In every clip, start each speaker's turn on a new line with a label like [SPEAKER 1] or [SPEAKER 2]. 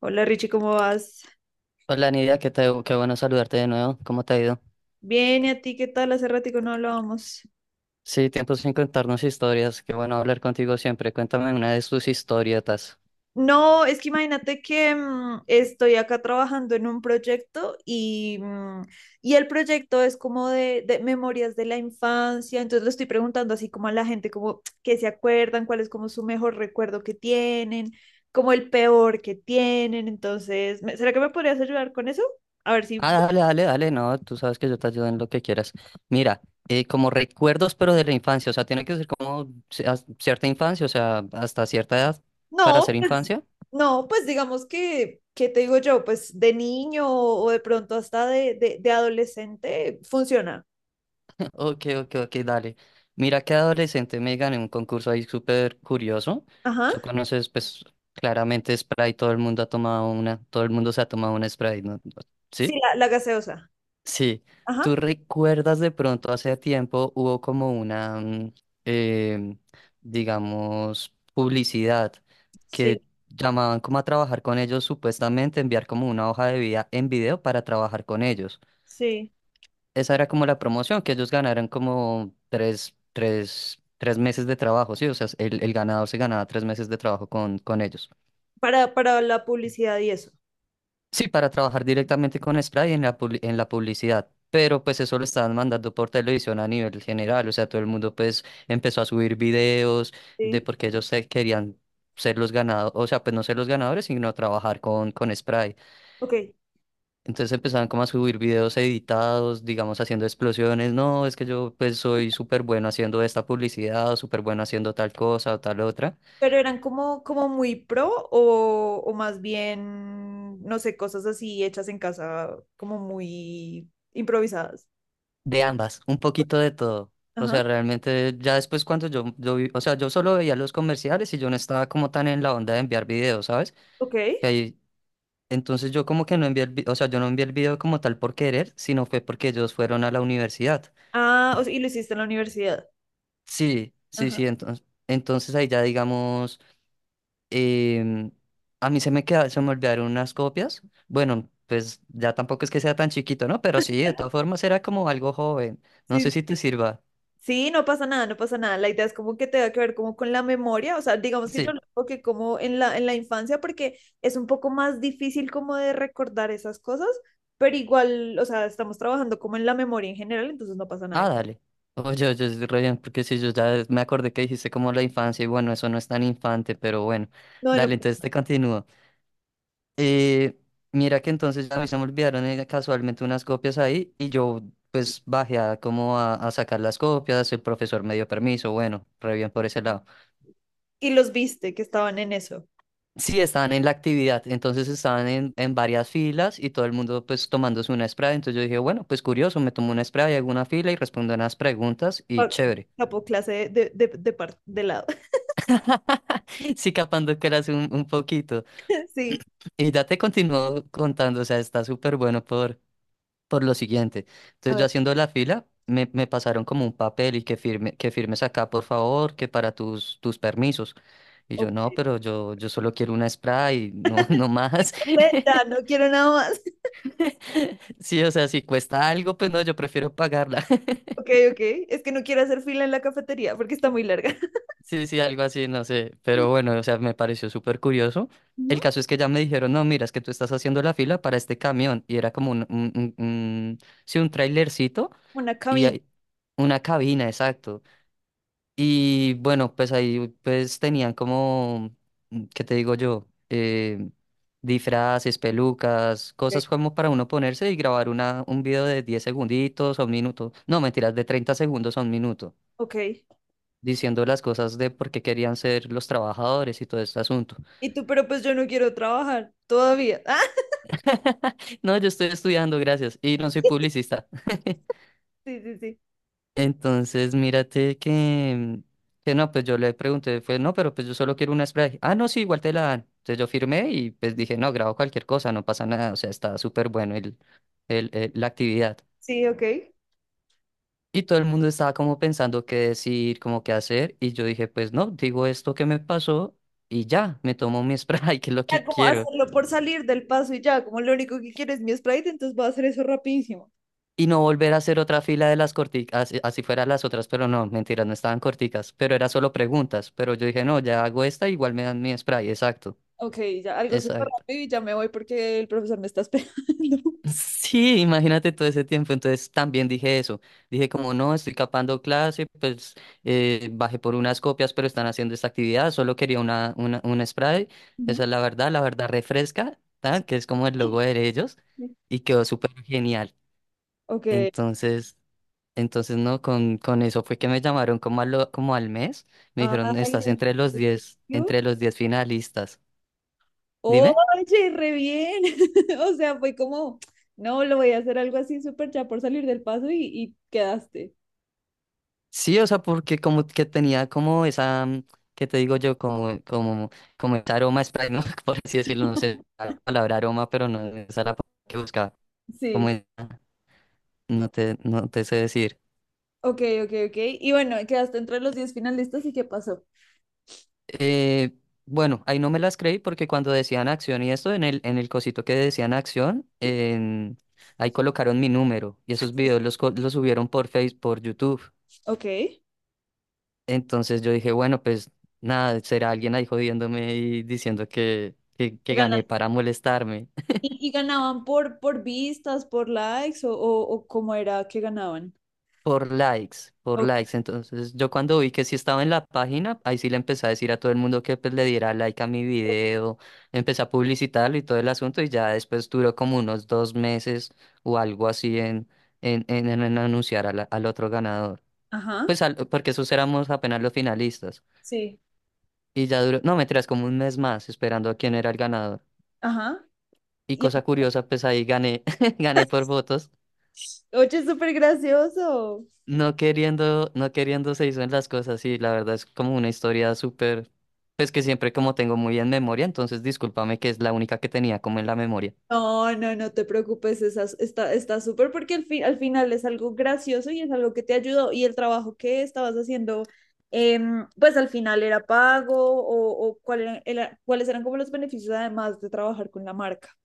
[SPEAKER 1] Hola Richie, ¿cómo vas?
[SPEAKER 2] Hola Nidia, qué bueno saludarte de nuevo. ¿Cómo te ha ido?
[SPEAKER 1] Bien, ¿y a ti qué tal? Hace ratico no hablábamos.
[SPEAKER 2] Sí, tiempo sin contarnos historias. Qué bueno hablar contigo siempre. Cuéntame una de tus historietas.
[SPEAKER 1] No, es que imagínate que estoy acá trabajando en un proyecto y y el proyecto es como de memorias de la infancia, entonces le estoy preguntando así como a la gente como que se acuerdan, cuál es como su mejor recuerdo que tienen, como el peor que tienen, entonces, ¿me- ¿será que me podrías ayudar con eso? A ver
[SPEAKER 2] Ah,
[SPEAKER 1] si...
[SPEAKER 2] dale, dale, dale. No, tú sabes que yo te ayudo en lo que quieras. Mira, como recuerdos, pero de la infancia. O sea, tiene que ser como cierta infancia, o sea, hasta cierta edad para
[SPEAKER 1] No,
[SPEAKER 2] ser infancia.
[SPEAKER 1] No, pues digamos que, ¿qué te digo yo? Pues de niño o de pronto hasta de adolescente funciona.
[SPEAKER 2] Ok, ok, ok, dale. Mira que adolescente me gané un concurso ahí súper curioso.
[SPEAKER 1] Ajá.
[SPEAKER 2] Tú conoces, pues, claramente Sprite, todo el mundo ha tomado una, todo el mundo se ha tomado una Sprite, ¿no?
[SPEAKER 1] Sí,
[SPEAKER 2] ¿Sí?
[SPEAKER 1] la gaseosa.
[SPEAKER 2] Sí. ¿Tú
[SPEAKER 1] Ajá.
[SPEAKER 2] recuerdas de pronto hace tiempo hubo como una, em, digamos, publicidad
[SPEAKER 1] Sí,
[SPEAKER 2] que llamaban como a trabajar con ellos, supuestamente enviar como una hoja de vida en video para trabajar con ellos?
[SPEAKER 1] sí.
[SPEAKER 2] Esa era como la promoción, que ellos ganaran como tres meses de trabajo, ¿sí? O sea, el ganador se ganaba 3 meses de trabajo con ellos.
[SPEAKER 1] Para la publicidad y eso.
[SPEAKER 2] Sí, para trabajar directamente con Spray en la, en la publicidad. Pero pues eso lo estaban mandando por televisión a nivel general, o sea, todo el mundo pues empezó a subir videos de
[SPEAKER 1] Sí.
[SPEAKER 2] por qué ellos se querían ser los ganadores, o sea, pues no ser los ganadores, sino trabajar con Spray.
[SPEAKER 1] Ok.
[SPEAKER 2] Entonces empezaban como a subir videos editados, digamos, haciendo explosiones. No, es que yo pues soy súper bueno haciendo esta publicidad o súper bueno haciendo tal cosa o tal otra.
[SPEAKER 1] Pero eran como, como muy pro o más bien, no sé, cosas así hechas en casa, como muy improvisadas.
[SPEAKER 2] De ambas, un poquito de todo. O
[SPEAKER 1] Ajá.
[SPEAKER 2] sea, realmente ya después cuando o sea, yo solo veía los comerciales y yo no estaba como tan en la onda de enviar videos, ¿sabes?
[SPEAKER 1] Ok.
[SPEAKER 2] Que ahí, entonces yo como que no envié o sea, yo no envié el video como tal por querer, sino fue porque ellos fueron a la universidad.
[SPEAKER 1] Ah, o sea, y lo hiciste en la universidad.
[SPEAKER 2] Sí, sí,
[SPEAKER 1] Ajá.
[SPEAKER 2] sí, entonces ahí ya digamos. Em, a mí se me olvidaron unas copias. Bueno, pues ya tampoco es que sea tan chiquito, ¿no? Pero sí, de todas formas era como algo joven. No
[SPEAKER 1] sí
[SPEAKER 2] sé si te sirva.
[SPEAKER 1] Sí. No pasa nada, no pasa nada. La idea es como que tenga que ver como con la memoria, o sea, digamos que yo
[SPEAKER 2] Sí.
[SPEAKER 1] lo enfoqué como en la infancia porque es un poco más difícil como de recordar esas cosas, pero igual, o sea, estamos trabajando como en la memoria en general, entonces no pasa nada.
[SPEAKER 2] Ah, dale. Oye, oye, es re bien, porque si yo ya me acordé que dijiste como la infancia y bueno, eso no es tan infante, pero bueno.
[SPEAKER 1] No, bueno,
[SPEAKER 2] Dale, entonces te continúo. Eh, mira que entonces a mí se me olvidaron casualmente unas copias ahí y yo pues bajé a como a sacar las copias, el profesor me dio permiso, bueno, re bien por ese lado.
[SPEAKER 1] y los viste que estaban en eso.
[SPEAKER 2] Sí, estaban en la actividad, entonces estaban en varias filas y todo el mundo pues tomándose una spray, entonces yo dije, bueno, pues curioso, me tomo una spray, hago una fila y respondo unas preguntas y
[SPEAKER 1] Ok,
[SPEAKER 2] chévere.
[SPEAKER 1] Capo clase de lado.
[SPEAKER 2] Sí, capando que eras un poquito.
[SPEAKER 1] Sí,
[SPEAKER 2] Y ya te continúo contando, o sea, está súper bueno por lo siguiente.
[SPEAKER 1] a
[SPEAKER 2] Entonces yo
[SPEAKER 1] ver,
[SPEAKER 2] haciendo la fila, me pasaron como un papel y que firmes acá, por favor, que para tus permisos. Y yo, no,
[SPEAKER 1] ok.
[SPEAKER 2] pero yo solo quiero una spray, no, no más.
[SPEAKER 1] No sé, ya no quiero nada más.
[SPEAKER 2] Sí, o sea, si cuesta algo, pues no, yo prefiero pagarla.
[SPEAKER 1] Ok, ok, es que no quiero hacer fila en la cafetería porque está muy larga.
[SPEAKER 2] Sí, sí, algo así, no sé. Pero bueno, o sea, me pareció súper curioso.
[SPEAKER 1] Ujú.
[SPEAKER 2] El caso es que ya me dijeron, no, mira, es que tú estás haciendo la fila para este camión. Y era como sí, un trailercito
[SPEAKER 1] Una
[SPEAKER 2] y
[SPEAKER 1] cabina.
[SPEAKER 2] una cabina, exacto. Y bueno, pues ahí pues tenían como, ¿qué te digo yo? Disfraces, pelucas,
[SPEAKER 1] Ok.
[SPEAKER 2] cosas como para uno ponerse y grabar un video de 10 segunditos a un minuto. No, mentiras, de 30 segundos a un minuto,
[SPEAKER 1] Ok.
[SPEAKER 2] diciendo las cosas de por qué querían ser los trabajadores y todo este asunto.
[SPEAKER 1] Y tú, pero pues yo no quiero trabajar todavía.
[SPEAKER 2] No, yo estoy estudiando, gracias. Y no soy
[SPEAKER 1] Ah,
[SPEAKER 2] publicista.
[SPEAKER 1] sí, sí, sí.
[SPEAKER 2] Entonces, mírate que no, pues yo le pregunté, fue, no, pero pues yo solo quiero una spray. Ah, no, sí, igual te la dan. Entonces yo firmé y pues dije, no, grabo cualquier cosa, no pasa nada, o sea, está súper bueno la actividad.
[SPEAKER 1] Sí, ok.
[SPEAKER 2] Y todo el mundo estaba como pensando qué decir, como qué hacer, y yo dije, pues no, digo esto que me pasó y ya, me tomo mi spray, que es lo
[SPEAKER 1] Ya
[SPEAKER 2] que
[SPEAKER 1] como
[SPEAKER 2] quiero.
[SPEAKER 1] hacerlo por salir del paso y ya, como lo único que quiero es mi Sprite, entonces voy a hacer eso rapidísimo.
[SPEAKER 2] Y no volver a hacer otra fila de las corticas, así, así fueran las otras, pero no, mentira, no estaban corticas, pero era solo preguntas, pero yo dije, no, ya hago esta, igual me dan mi spray, exacto,
[SPEAKER 1] Ok, ya algo súper
[SPEAKER 2] exacto.
[SPEAKER 1] rápido y ya me voy porque el profesor me está esperando.
[SPEAKER 2] Sí, imagínate todo ese tiempo, entonces también dije eso, dije como no, estoy capando clase, pues bajé por unas copias, pero están haciendo esta actividad, solo quería un spray, esa
[SPEAKER 1] ¿No?
[SPEAKER 2] es la verdad refresca, tal,
[SPEAKER 1] Sí.
[SPEAKER 2] que es como el logo de ellos, y quedó súper genial,
[SPEAKER 1] Ok.
[SPEAKER 2] entonces. Entonces, no, con eso fue que me llamaron como, como al mes. Me dijeron,
[SPEAKER 1] Ay,
[SPEAKER 2] estás
[SPEAKER 1] yo-
[SPEAKER 2] entre los 10 finalistas. Dime.
[SPEAKER 1] Oye, re bien. O sea, fue como, no, lo voy a hacer algo así súper ya por salir del paso y quedaste.
[SPEAKER 2] Sí, o sea, porque como que tenía como esa, ¿qué te digo yo? Como ese aroma spray, ¿no? Por así decirlo, no sé la palabra aroma, pero no es esa la palabra que buscaba. Como
[SPEAKER 1] Sí.
[SPEAKER 2] esa- no te sé decir.
[SPEAKER 1] Ok, ok, ok. Y bueno, quedaste entre los 10 finalistas y ¿qué pasó?
[SPEAKER 2] Eh, bueno, ahí no me las creí porque cuando decían acción y esto, en el cosito que decían acción, ahí colocaron mi número y esos
[SPEAKER 1] Sí.
[SPEAKER 2] videos los subieron por Facebook, por YouTube.
[SPEAKER 1] Ok.
[SPEAKER 2] Entonces yo dije, bueno, pues nada, será alguien ahí jodiéndome y diciendo que
[SPEAKER 1] Ganaron.
[SPEAKER 2] gané para molestarme.
[SPEAKER 1] Y ganaban por vistas, por likes o cómo era que ganaban?
[SPEAKER 2] Por likes, por
[SPEAKER 1] O-
[SPEAKER 2] likes. Entonces, yo cuando vi que sí estaba en la página, ahí sí le empecé a decir a todo el mundo que pues, le diera like a mi video, empecé a publicitarlo y todo el asunto, y ya después duró como unos 2 meses o algo así en anunciar al otro ganador.
[SPEAKER 1] Ajá,
[SPEAKER 2] Pues porque esos éramos apenas los finalistas.
[SPEAKER 1] Sí.
[SPEAKER 2] Y ya duró, no, mentiras, como un mes más esperando a quién era el ganador.
[SPEAKER 1] Ajá.
[SPEAKER 2] Y
[SPEAKER 1] Y-
[SPEAKER 2] cosa curiosa, pues ahí gané, gané por votos.
[SPEAKER 1] oye, es súper gracioso.
[SPEAKER 2] No queriendo, no queriendo se hizo en las cosas, sí, la verdad es como una historia súper, pues que siempre como tengo muy en memoria, entonces discúlpame que es la única que tenía como en la memoria.
[SPEAKER 1] No, no, no te preocupes, esa- está, está súper porque al fin, al final es algo gracioso y es algo que te ayudó y el trabajo que estabas haciendo, pues al final era pago o cuál era- era- cuáles eran como los beneficios además de trabajar con la marca.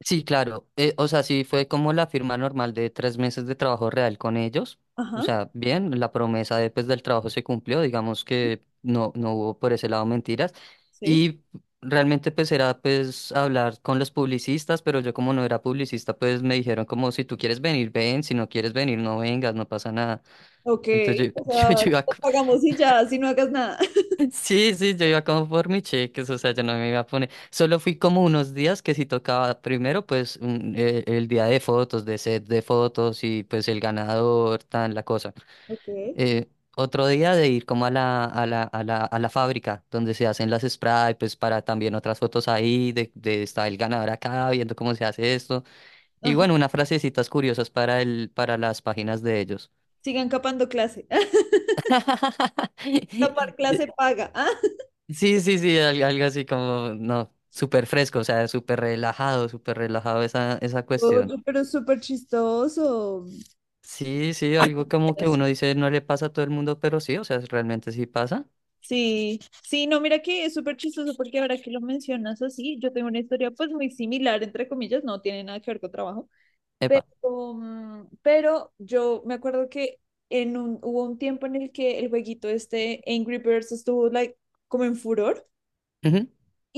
[SPEAKER 2] Sí, claro, o sea, sí fue como la firma normal de 3 meses de trabajo real con ellos,
[SPEAKER 1] Ajá,
[SPEAKER 2] o sea, bien, la promesa de, pues, del trabajo se cumplió, digamos
[SPEAKER 1] sí.
[SPEAKER 2] que no, no hubo por ese lado mentiras,
[SPEAKER 1] Sí.
[SPEAKER 2] y realmente pues era pues hablar con los publicistas, pero yo como no era publicista, pues me dijeron como si tú quieres venir, ven, si no quieres venir, no vengas, no pasa nada.
[SPEAKER 1] Ok,
[SPEAKER 2] Entonces
[SPEAKER 1] o sea,
[SPEAKER 2] yo, yo iba,
[SPEAKER 1] te
[SPEAKER 2] co-
[SPEAKER 1] pagamos y ya, si no hagas nada.
[SPEAKER 2] sí, sí, yo iba como por mi cheques, o sea, yo no me iba a poner, solo fui como unos días que si tocaba primero, pues el día de fotos, de set de fotos y pues el ganador, tan la cosa.
[SPEAKER 1] Ok.
[SPEAKER 2] Eh, otro día de ir como a la fábrica donde se hacen las spray, pues para también otras fotos ahí, de está el ganador acá, viendo cómo se hace esto. Y
[SPEAKER 1] Ajá.
[SPEAKER 2] bueno, unas frasecitas curiosas para las páginas de ellos.
[SPEAKER 1] Sigan capando clase. Capar clase paga. Ah.
[SPEAKER 2] Sí, sí, sí, algo así como, no, súper fresco, o sea, súper relajado esa cuestión.
[SPEAKER 1] Oye, pero es súper chistoso.
[SPEAKER 2] Sí, sí, algo como que
[SPEAKER 1] Gracias.
[SPEAKER 2] uno dice no le pasa a todo el mundo, pero sí, o sea, realmente sí pasa.
[SPEAKER 1] Sí, sí, no, mira que es súper chistoso porque ahora que lo mencionas así, yo tengo una historia pues muy similar, entre comillas, no tiene nada que ver con trabajo,
[SPEAKER 2] Epa.
[SPEAKER 1] pero, pero yo me acuerdo que en un, hubo un tiempo en el que el jueguito este Angry Birds estuvo like, como en furor.
[SPEAKER 2] Ujú.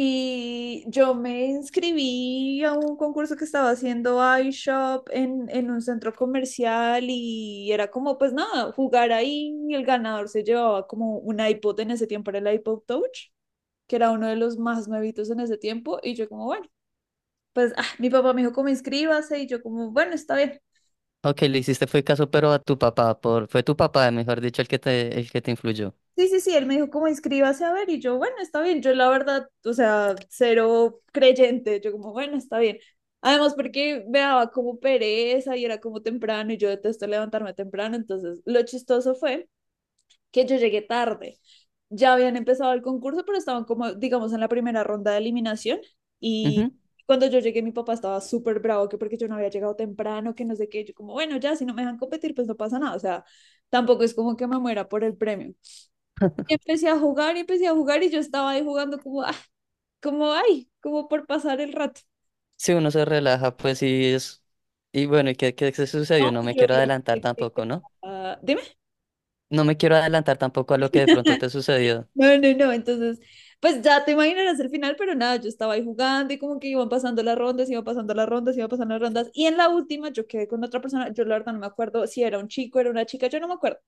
[SPEAKER 1] Y yo me inscribí a un concurso que estaba haciendo iShop en un centro comercial y era como, pues nada, jugar ahí y el ganador se llevaba como un iPod en ese tiempo, era el iPod Touch, que era uno de los más nuevitos en ese tiempo y yo como, bueno, pues ah, mi papá me dijo como inscríbase y yo como, bueno, está bien.
[SPEAKER 2] Ok, le hiciste fue caso, pero a tu papá, fue tu papá, mejor dicho, el que te influyó.
[SPEAKER 1] Sí, sí, sí, él me dijo como inscríbase a ver y yo, bueno, está bien, yo la verdad, o sea, cero creyente, yo como, bueno, está bien. Además porque me daba como pereza y era como temprano y yo detesto levantarme temprano, entonces lo chistoso fue que yo llegué tarde. Ya habían empezado el concurso, pero estaban como, digamos, en la primera ronda de eliminación y
[SPEAKER 2] Ujú.
[SPEAKER 1] cuando yo llegué mi papá estaba súper bravo que porque yo no había llegado temprano, que no sé qué, yo como, bueno, ya, si no me dejan competir, pues no pasa nada, o sea, tampoco es como que me muera por el premio. Y empecé a jugar y empecé a jugar y yo estaba ahí jugando como, ah, como, ay, como por pasar el rato.
[SPEAKER 2] Si uno se relaja, pues sí es. Y bueno, ¿y qué se
[SPEAKER 1] No,
[SPEAKER 2] sucedió? No me
[SPEAKER 1] yo
[SPEAKER 2] quiero
[SPEAKER 1] no
[SPEAKER 2] adelantar
[SPEAKER 1] sé qué
[SPEAKER 2] tampoco, ¿no?
[SPEAKER 1] estaba- dime.
[SPEAKER 2] No me quiero adelantar tampoco a lo que de pronto te sucedió.
[SPEAKER 1] No, no, no, entonces, pues ya te imaginarás el final, pero nada, yo estaba ahí jugando y como que iban pasando las rondas, iban pasando las rondas, iban pasando las rondas. Y en la última yo quedé con otra persona, yo la verdad no me acuerdo si era un chico, era una chica, yo no me acuerdo.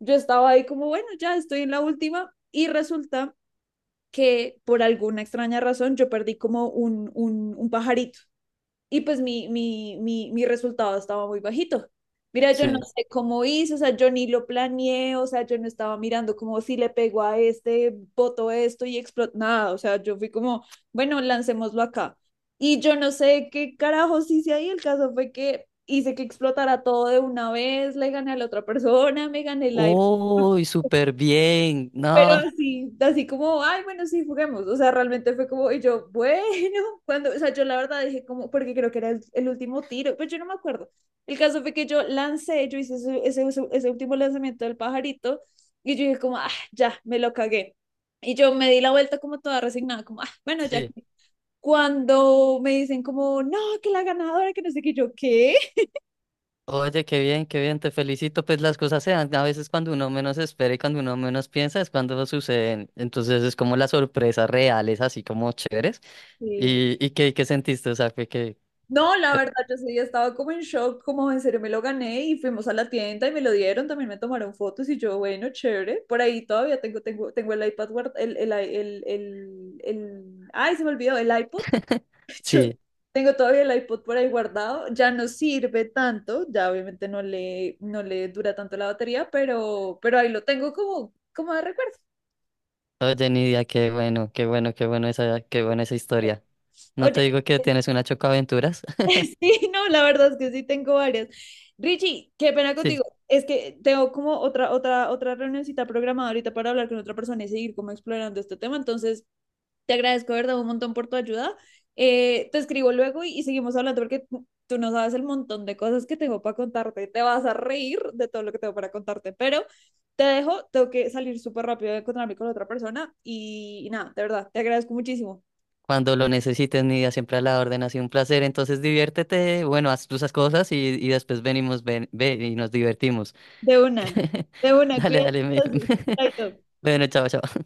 [SPEAKER 1] Yo estaba ahí como, bueno, ya estoy en la última y resulta que por alguna extraña razón yo perdí como un pajarito. Y pues mi resultado estaba muy bajito. Mira, yo no
[SPEAKER 2] Sí.
[SPEAKER 1] sé cómo hice, o sea, yo ni lo planeé, o sea, yo no estaba mirando como si le pego a este, boto esto y explotó, nada, o sea, yo fui como, bueno, lancémoslo acá. Y yo no sé qué carajos hice ahí, el caso fue que hice que explotara todo de una vez, le gané a la otra persona, me gané el aire
[SPEAKER 2] Uy, súper bien.
[SPEAKER 1] pero
[SPEAKER 2] No.
[SPEAKER 1] así, así como, ay, bueno, sí, juguemos. O sea, realmente fue como, y yo, bueno, cuando, o sea, yo la verdad dije como, porque creo que era el último tiro, pero yo no me acuerdo. El caso fue que yo lancé, yo hice ese último lanzamiento del pajarito, y yo dije como, ah, ya, me lo cagué. Y yo me di la vuelta como toda resignada, como, ah, bueno, ya.
[SPEAKER 2] Sí.
[SPEAKER 1] Cuando me dicen como, no, que la ganadora, que no sé qué, yo, ¿qué?
[SPEAKER 2] Oye, qué bien, te felicito. Pues las cosas se dan a veces cuando uno menos espera y cuando uno menos piensa es cuando suceden. Entonces es como las sorpresas reales, así como chéveres.
[SPEAKER 1] Sí,
[SPEAKER 2] ¿Y qué sentiste? O sea, fue que.
[SPEAKER 1] No, la
[SPEAKER 2] co-
[SPEAKER 1] verdad, yo sí estaba como en shock, como en serio me lo gané y fuimos a la tienda y me lo dieron, también me tomaron fotos y yo, bueno, chévere, por ahí todavía tengo, tengo, tengo el iPad, guard- el ay, se me olvidó, el iPod, Yo
[SPEAKER 2] Sí,
[SPEAKER 1] tengo todavía el iPod por ahí guardado, ya no sirve tanto, ya obviamente no le, no le dura tanto la batería, pero ahí lo tengo como, como de recuerdo.
[SPEAKER 2] oye, Nidia, qué bueno, qué bueno, qué buena esa historia. No
[SPEAKER 1] Oye,
[SPEAKER 2] te digo que tienes una chocaventuras.
[SPEAKER 1] Sí, no, la verdad es que sí tengo varias. Richie, qué pena
[SPEAKER 2] Sí,
[SPEAKER 1] contigo. Es que tengo como otra, otra, otra reunioncita programada ahorita para hablar con otra persona y seguir como explorando este tema. Entonces, te agradezco, de ¿verdad? Un montón por tu ayuda. Te escribo luego y seguimos hablando porque tú no sabes el montón de cosas que tengo para contarte. Te vas a reír de todo lo que tengo para contarte, pero te dejo, tengo que salir súper rápido a encontrarme con otra persona y nada, de verdad, te agradezco muchísimo.
[SPEAKER 2] cuando lo necesites, Nidia, siempre a la orden, ha sido un placer. Entonces diviértete, bueno, haz tus cosas y después venimos, ven, ve y nos divertimos.
[SPEAKER 1] De una, de una,
[SPEAKER 2] Dale,
[SPEAKER 1] cuídate
[SPEAKER 2] dale.
[SPEAKER 1] entonces. Chaito.
[SPEAKER 2] Bueno, chao, chao.